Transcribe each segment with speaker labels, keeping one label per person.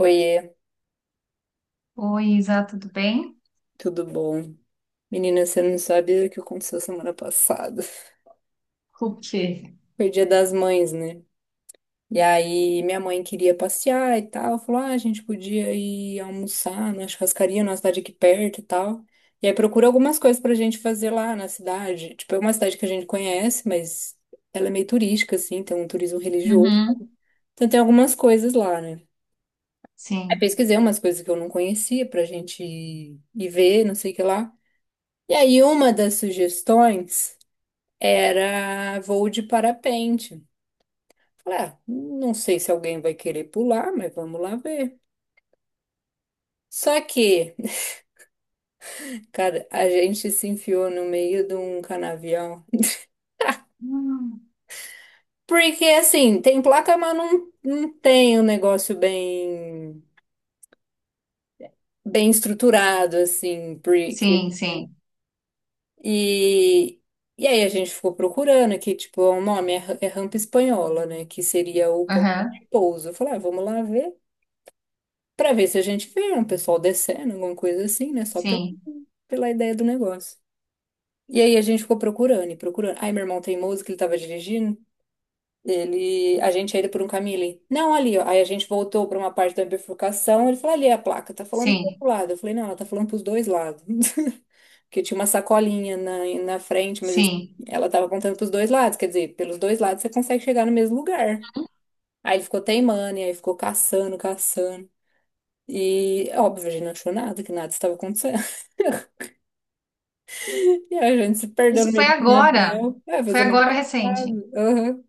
Speaker 1: Oiê,
Speaker 2: Oi, Isa, tudo bem?
Speaker 1: tudo bom? Menina, você não sabe o que aconteceu semana passada.
Speaker 2: O quê?
Speaker 1: Foi dia das mães, né? E aí minha mãe queria passear e tal, falou, ah, a gente podia ir almoçar na churrascaria, na cidade aqui perto e tal. E aí procura algumas coisas pra gente fazer lá na cidade. Tipo, é uma cidade que a gente conhece, mas ela é meio turística, assim, tem um turismo religioso.
Speaker 2: Uhum.
Speaker 1: Então tem algumas coisas lá, né? Aí
Speaker 2: Sim.
Speaker 1: pesquisei umas coisas que eu não conhecia pra gente ir ver, não sei o que lá. E aí uma das sugestões era voo de parapente. Falei, ah, não sei se alguém vai querer pular, mas vamos lá ver. Só que, cara, a gente se enfiou no meio de um canavial.
Speaker 2: Hum.
Speaker 1: Porque, assim, tem placa, mas não, não tem um negócio bem estruturado, assim, porque...
Speaker 2: Sim, sim.
Speaker 1: E, e aí a gente ficou procurando aqui, tipo, o nome é, é rampa espanhola, né? Que seria o ponto de
Speaker 2: Aham.
Speaker 1: pouso. Eu falei, ah, vamos lá ver. Pra ver se a gente vê um pessoal descendo, alguma coisa assim, né? Só pela,
Speaker 2: Sim,
Speaker 1: pela ideia do negócio. E aí a gente ficou procurando e procurando. Aí meu irmão teimoso que ele tava dirigindo, ele, a gente ia indo por um caminho ali. Não, ali, ó. Aí a gente voltou pra uma parte da bifurcação, ele falou, ali é a placa, tá falando pro
Speaker 2: sim,
Speaker 1: outro lado. Eu falei, não, ela tá falando pros dois lados. Porque tinha uma sacolinha na frente, mas assim,
Speaker 2: sim.
Speaker 1: ela tava apontando pros dois lados. Quer dizer, pelos dois lados você consegue chegar no mesmo lugar. Aí ele ficou teimando, e aí ficou caçando, caçando. E, óbvio, a gente não achou nada, que nada estava acontecendo. E a gente se perdeu no
Speaker 2: Isso
Speaker 1: meio
Speaker 2: foi
Speaker 1: do
Speaker 2: agora.
Speaker 1: canavial. É, fez
Speaker 2: Foi
Speaker 1: a mãe
Speaker 2: agora recente.
Speaker 1: passada. Aham.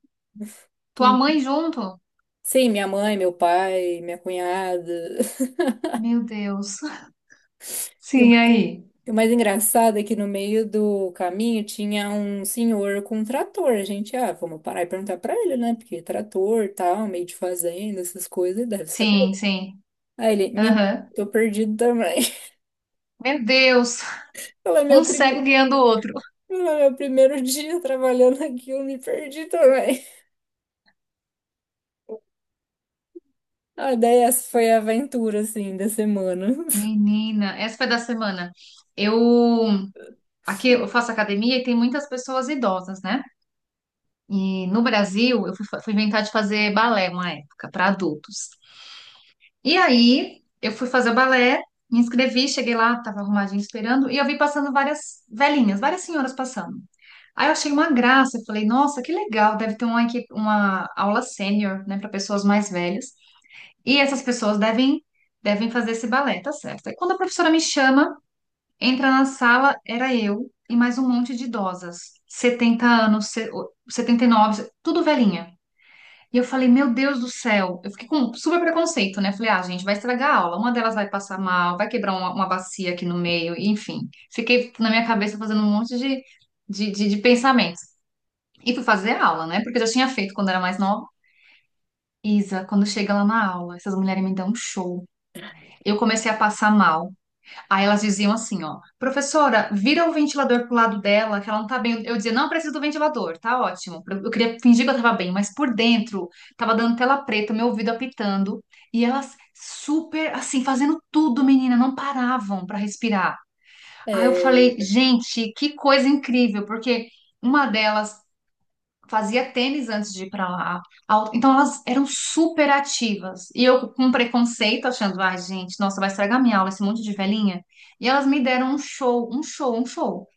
Speaker 2: Tua
Speaker 1: Tu-
Speaker 2: mãe junto?
Speaker 1: Sim, minha mãe, meu pai, minha cunhada.
Speaker 2: Meu Deus.
Speaker 1: E o
Speaker 2: Sim,
Speaker 1: mais
Speaker 2: aí.
Speaker 1: o mais engraçado é que no meio do caminho tinha um senhor com um trator. A gente, ah, vamos parar e perguntar pra ele, né? Porque trator, tal, meio de fazenda, essas coisas, deve saber.
Speaker 2: Sim, sim.
Speaker 1: Aí ele, me
Speaker 2: Aham.
Speaker 1: tô perdido também.
Speaker 2: Meu Deus,
Speaker 1: Ela é
Speaker 2: um
Speaker 1: meu
Speaker 2: cego
Speaker 1: primeiro.
Speaker 2: guiando o outro.
Speaker 1: Ela é Meu primeiro dia trabalhando aqui, eu me perdi também. A ideia é essa, foi a aventura, assim, da semana.
Speaker 2: Menina, essa foi da semana. Eu aqui eu faço academia e tem muitas pessoas idosas, né? E no Brasil eu fui, fui inventar de fazer balé uma época para adultos. E aí eu fui fazer o balé, me inscrevi, cheguei lá, tava arrumadinho esperando e eu vi passando várias velhinhas, várias senhoras passando. Aí eu achei uma graça, eu falei, nossa, que legal, deve ter uma, uma aula sênior, né, para pessoas mais velhas. E essas pessoas devem fazer esse balé, tá certo. Aí quando a professora me chama, entra na sala, era eu e mais um monte de idosas, 70 anos, 79, tudo velhinha. E eu falei, meu Deus do céu, eu fiquei com super preconceito, né? Falei, ah, gente, vai estragar a aula, uma delas vai passar mal, vai quebrar uma bacia aqui no meio, enfim. Fiquei na minha cabeça fazendo um monte de, de pensamentos. E fui fazer a aula, né? Porque eu já tinha feito quando era mais nova. Isa, quando chega lá na aula, essas mulheres me dão um show. Eu comecei a passar mal. Aí elas diziam assim, ó, professora, vira o ventilador pro lado dela, que ela não tá bem. Eu dizia, não preciso do ventilador, tá ótimo. Eu queria fingir que eu tava bem, mas por dentro tava dando tela preta, meu ouvido apitando, e elas super assim, fazendo tudo, menina, não paravam para respirar. Aí eu falei,
Speaker 1: É,
Speaker 2: gente, que coisa incrível, porque uma delas fazia tênis antes de ir para lá. Então elas eram super ativas. E eu com preconceito, achando, ai, gente, nossa, vai estragar minha aula, esse monte de velhinha. E elas me deram um show, um show, um show.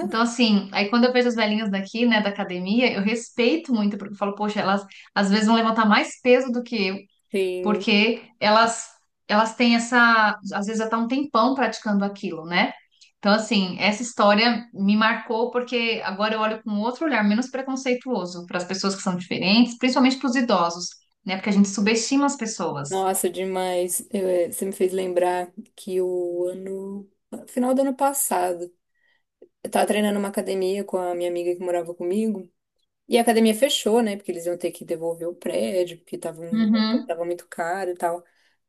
Speaker 2: Então, assim, aí quando eu vejo as velhinhas daqui, né, da academia, eu respeito muito, porque eu falo, poxa, elas às vezes vão levantar mais peso do que eu
Speaker 1: sim.
Speaker 2: porque elas têm essa, às vezes até um tempão praticando aquilo, né? Então, assim, essa história me marcou porque agora eu olho com outro olhar menos preconceituoso para as pessoas que são diferentes, principalmente para os idosos, né? Porque a gente subestima as pessoas.
Speaker 1: Nossa, demais. Você me fez lembrar que o ano... Final do ano passado, eu tava treinando uma academia com a minha amiga que morava comigo. E a academia fechou, né? Porque eles iam ter que devolver o prédio, porque tava,
Speaker 2: Uhum.
Speaker 1: tava muito caro e tal.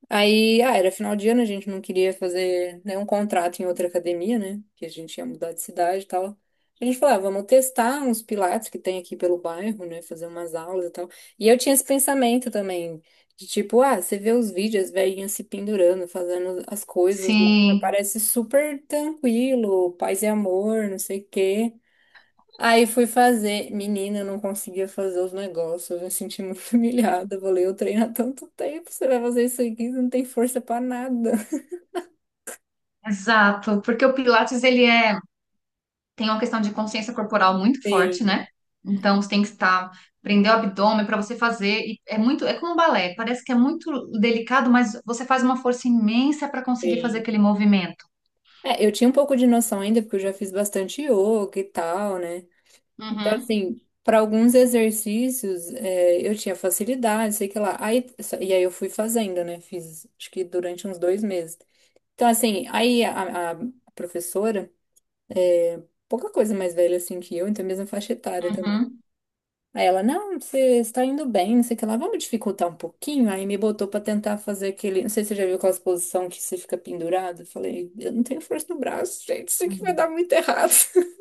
Speaker 1: Aí, ah, era final de ano, a gente não queria fazer nenhum contrato em outra academia, né? Que a gente ia mudar de cidade e tal. A gente falou, ah, vamos testar uns pilates que tem aqui pelo bairro, né? Fazer umas aulas e tal. E eu tinha esse pensamento também, de tipo, ah, você vê os vídeos, as velhinhas se pendurando, fazendo as coisas lá.
Speaker 2: Sim,
Speaker 1: Parece super tranquilo, paz e amor, não sei o quê. Aí fui fazer. Menina, eu não conseguia fazer os negócios. Eu me senti muito humilhada. Eu falei, eu treino há tanto tempo, você vai fazer isso aqui, você não tem força pra nada.
Speaker 2: exato. Porque o Pilates, ele tem uma questão de consciência corporal muito forte,
Speaker 1: Sim,
Speaker 2: né? Então você tem que estar, prender o abdômen para você fazer. E é muito, é como um balé, parece que é muito delicado, mas você faz uma força imensa para conseguir fazer aquele
Speaker 1: sim.
Speaker 2: movimento.
Speaker 1: É, eu tinha um pouco de noção ainda, porque eu já fiz bastante yoga e tal, né? Então,
Speaker 2: Uhum,
Speaker 1: assim, para alguns exercícios, é, eu tinha facilidade, sei que lá. Aí, e aí eu fui fazendo, né? Fiz, acho que durante uns 2 meses. Então, assim, aí a professora, é, pouca coisa mais velha assim que eu, então mesma faixa etária.
Speaker 2: uhum,
Speaker 1: Aí ela, não, você está indo bem, não sei o que lá, vamos dificultar um pouquinho. Aí me botou pra tentar fazer aquele. Não sei se você já viu aquela posição que você fica pendurado. Eu falei, eu não tenho força no braço, gente, isso aqui vai
Speaker 2: uhum.
Speaker 1: dar muito errado.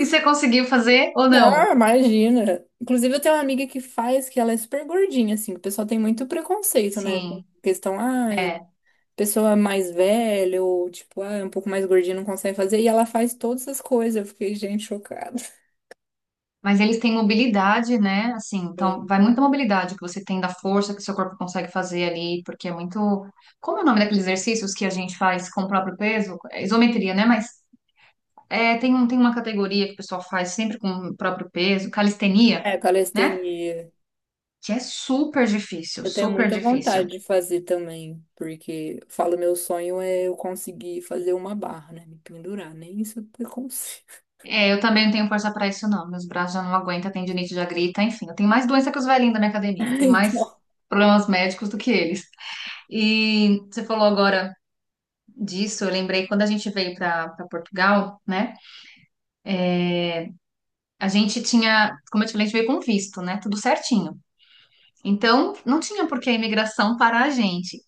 Speaker 2: E você conseguiu fazer ou não?
Speaker 1: Não, imagina. Inclusive, eu tenho uma amiga que faz, que ela é super gordinha, assim, que o pessoal tem muito preconceito, né? Com
Speaker 2: Sim,
Speaker 1: questão, ai,
Speaker 2: é.
Speaker 1: pessoa mais velha, ou tipo, ah, é um pouco mais gordinha, não consegue fazer. E ela faz todas as coisas. Eu fiquei, gente, chocada.
Speaker 2: Mas eles têm mobilidade, né? Assim, então
Speaker 1: Sim.
Speaker 2: vai muita mobilidade que você tem da força que seu corpo consegue fazer ali, porque é muito. Como é o nome daqueles exercícios que a gente faz com o próprio peso? É isometria, né? Mas é, tem, um, tem uma categoria que o pessoal faz sempre com o próprio peso, calistenia,
Speaker 1: É,
Speaker 2: né?
Speaker 1: calistenia.
Speaker 2: Que é super difícil,
Speaker 1: Eu tenho
Speaker 2: super
Speaker 1: muita
Speaker 2: difícil.
Speaker 1: vontade de fazer também, porque eu falo, meu sonho é eu conseguir fazer uma barra, né? Me pendurar, nem isso eu consigo.
Speaker 2: É, eu também não tenho força pra isso, não. Meus braços já não aguentam, tendinite já grita, enfim. Eu tenho mais doença que os velhinhos da minha academia. Tenho mais
Speaker 1: Então,
Speaker 2: problemas médicos do que eles. E você falou agora disso, eu lembrei quando a gente veio pra Portugal, né? A gente tinha, como eu te falei, a gente veio com visto, né? Tudo certinho. Então, não tinha por que a imigração parar a gente.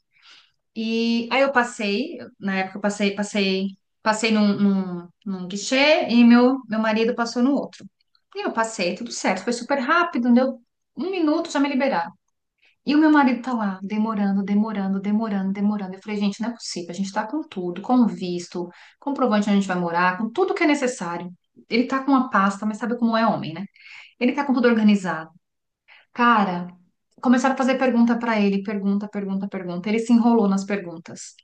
Speaker 2: E aí eu passei, na época eu passei num guichê e meu marido passou no outro. E eu passei, tudo certo, foi super rápido, deu 1 minuto, já me liberaram. E o meu marido tá lá, demorando. Eu falei, gente, não é possível, a gente tá com tudo, com o visto, comprovante onde a gente vai morar, com tudo que é necessário. Ele tá com uma pasta, mas sabe como é homem, né? Ele tá com tudo organizado. Cara, começaram a fazer pergunta pra ele, pergunta. Ele se enrolou nas perguntas.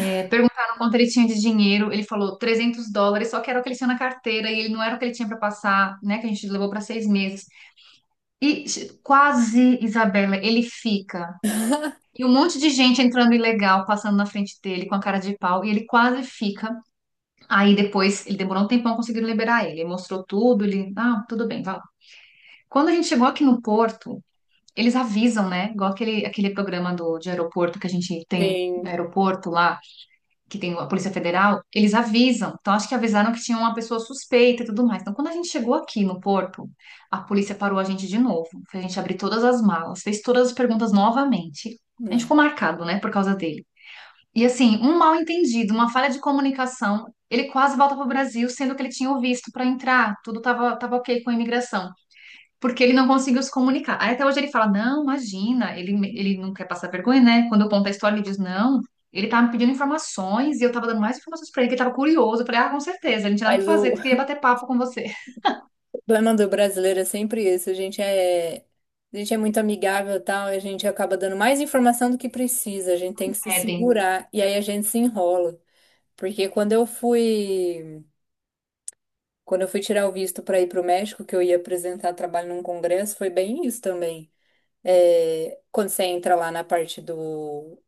Speaker 2: É, perguntaram quanto ele tinha de dinheiro, ele falou US$ 300, só que era o que ele tinha na carteira e ele não era o que ele tinha para passar, né? Que a gente levou para 6 meses. E quase, Isabela, ele fica. E um monte de gente entrando ilegal, passando na frente dele com a cara de pau, e ele quase fica. Aí depois, ele demorou um tempão conseguindo liberar ele. Ele mostrou tudo, ele, ah, tudo bem, vai lá. Quando a gente chegou aqui no Porto, eles avisam, né? Igual aquele, aquele programa do, de aeroporto que a gente tem,
Speaker 1: sim,
Speaker 2: aeroporto lá que tem a Polícia Federal, eles avisam. Então, acho que avisaram que tinha uma pessoa suspeita e tudo mais. Então, quando a gente chegou aqui no porto, a polícia parou a gente de novo. Fez a gente abrir todas as malas, fez todas as perguntas novamente. A gente
Speaker 1: não.
Speaker 2: ficou marcado, né, por causa dele. E assim, um mal entendido, uma falha de comunicação, ele quase volta para o Brasil, sendo que ele tinha o visto para entrar, tudo estava tava ok com a imigração porque ele não conseguiu se comunicar. Aí até hoje ele fala, não, imagina, ele não quer passar vergonha, né? Quando eu conto a história, ele diz, não, ele tava me pedindo informações e eu tava dando mais informações pra ele, que ele tava curioso. Eu falei, ah, com certeza, ele não tinha nada
Speaker 1: Mas
Speaker 2: pra fazer,
Speaker 1: o
Speaker 2: tu queria bater papo com você.
Speaker 1: problema do brasileiro é sempre esse, a gente é muito amigável e tal, e a gente acaba dando mais informação do que precisa, a gente tem que se
Speaker 2: Pedem.
Speaker 1: segurar, e aí a gente se enrola. Porque quando eu fui tirar o visto para ir para o México, que eu ia apresentar trabalho num congresso, foi bem isso também. É, quando você entra lá na parte do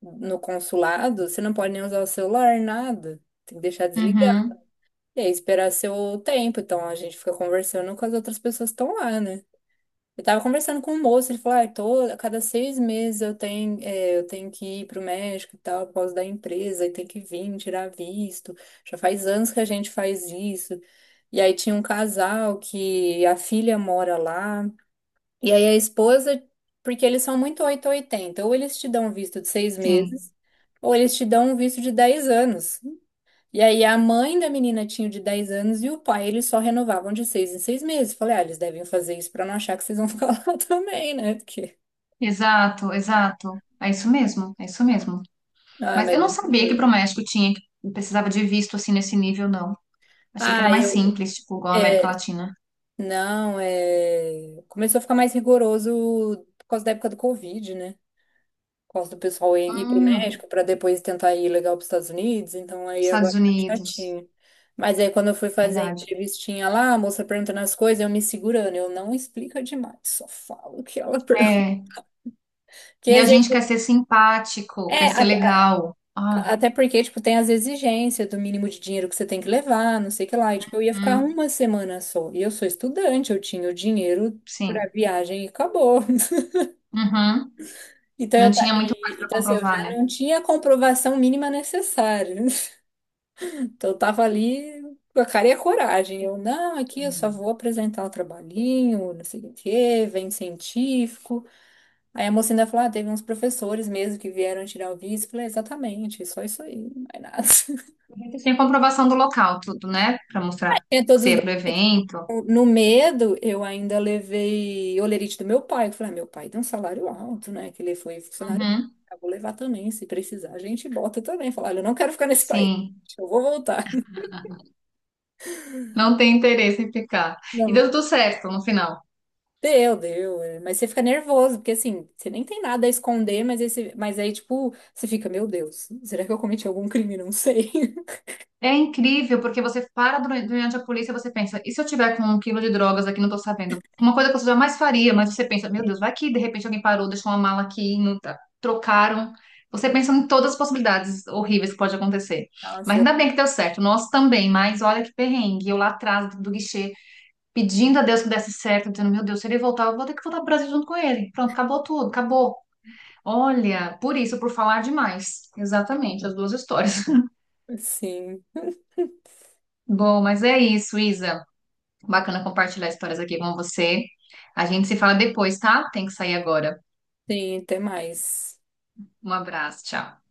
Speaker 1: no consulado, você não pode nem usar o celular, nada. Tem que deixar desligado
Speaker 2: Uhum,
Speaker 1: e aí esperar seu tempo. Então a gente fica conversando com as outras pessoas que estão lá, né? Eu tava conversando com um moço, ele falou, ah, tô, a cada 6 meses eu tenho, é, eu tenho que ir pro México e tal, por causa da empresa, e tem que vir, tirar visto. Já faz anos que a gente faz isso. E aí tinha um casal que a filha mora lá. E aí a esposa, porque eles são muito 880, ou oitenta, ou eles te dão um visto de seis
Speaker 2: sim.
Speaker 1: meses, ou eles te dão um visto de 10 anos. E aí a mãe da menina tinha o de 10 anos e o pai, eles só renovavam de 6 em 6 meses. Falei, ah, eles devem fazer isso pra não achar que vocês vão ficar lá também, né? Porque...
Speaker 2: Exato, exato. É isso mesmo, é isso mesmo.
Speaker 1: Ah,
Speaker 2: Mas
Speaker 1: mas é
Speaker 2: eu não
Speaker 1: muito
Speaker 2: sabia que pro
Speaker 1: doido.
Speaker 2: México tinha, que precisava de visto assim nesse nível, não. Achei que era
Speaker 1: Ah,
Speaker 2: mais
Speaker 1: eu...
Speaker 2: simples, tipo, igual a América
Speaker 1: É,
Speaker 2: Latina.
Speaker 1: não, é... Começou a ficar mais rigoroso por causa da época do Covid, né? Gosto do pessoal ir para o
Speaker 2: Hum,
Speaker 1: México para depois tentar ir legal para os Estados Unidos, então aí agora
Speaker 2: Estados
Speaker 1: é mais
Speaker 2: Unidos,
Speaker 1: chatinho. Mas aí quando eu fui fazer a
Speaker 2: verdade.
Speaker 1: entrevistinha lá, a moça perguntando as coisas, eu me segurando, eu não explico demais, só falo o que ela pergunta.
Speaker 2: É,
Speaker 1: Porque,
Speaker 2: e a
Speaker 1: às
Speaker 2: gente
Speaker 1: vezes-
Speaker 2: quer ser simpático,
Speaker 1: É,
Speaker 2: quer ser legal. Ah,
Speaker 1: até porque, tipo, tem as exigências do mínimo de dinheiro que você tem que levar, não sei o que lá, e tipo, eu ia ficar
Speaker 2: hum,
Speaker 1: uma semana só, e eu sou estudante, eu tinha o dinheiro para
Speaker 2: sim.
Speaker 1: viagem e acabou.
Speaker 2: Uhum.
Speaker 1: Então,
Speaker 2: Não tinha muito mais para
Speaker 1: então, assim, eu
Speaker 2: comprovar,
Speaker 1: já
Speaker 2: né?
Speaker 1: não tinha a comprovação mínima necessária. Então, eu tava ali com a cara e a coragem. Eu, não, aqui eu só
Speaker 2: Uhum.
Speaker 1: vou apresentar o trabalhinho, não sei o quê, vem científico. Aí a moça ainda falou, ah, teve uns professores mesmo que vieram tirar o visto. Eu falei, exatamente, só isso aí, não é nada.
Speaker 2: Você tem comprovação do local, tudo, né? Para mostrar
Speaker 1: Tinha
Speaker 2: que
Speaker 1: todos
Speaker 2: você
Speaker 1: os
Speaker 2: ia pro
Speaker 1: documentos.
Speaker 2: evento.
Speaker 1: No medo, eu ainda levei olerite do meu pai. Eu falei, ah, meu pai tem um salário alto, né? Que ele foi funcionário público.
Speaker 2: Uhum.
Speaker 1: Eu vou levar também, se precisar, a gente bota também. Falar, olha, eu não quero ficar nesse país,
Speaker 2: Sim.
Speaker 1: eu vou voltar.
Speaker 2: Não tem interesse em ficar. E
Speaker 1: Não.
Speaker 2: deu tudo certo no final.
Speaker 1: Deu, deu. É, mas você fica nervoso, porque assim, você nem tem nada a esconder, mas, esse, mas aí, tipo, você fica, meu Deus, será que eu cometi algum crime? Não sei.
Speaker 2: É incrível, porque você para durante a polícia, e você pensa, e se eu tiver com um quilo de drogas aqui, não tô sabendo? Uma coisa que você jamais faria, mas você pensa, meu Deus, vai que de repente alguém parou, deixou uma mala aqui, não tá- trocaram. Você pensa em todas as possibilidades horríveis que pode acontecer. Mas
Speaker 1: Nossa,
Speaker 2: ainda bem que deu certo, nós também, mas olha que perrengue, eu lá atrás do, do guichê, pedindo a Deus que desse certo, dizendo, meu Deus, se ele voltar, eu vou ter que voltar pro Brasil junto com ele. Pronto, acabou tudo, acabou. Olha, por isso, por falar demais. Exatamente, as duas histórias.
Speaker 1: sim.
Speaker 2: Bom, mas é isso, Isa. Bacana compartilhar histórias aqui com você. A gente se fala depois, tá? Tem que sair agora.
Speaker 1: Sim, até mais.
Speaker 2: Um abraço, tchau.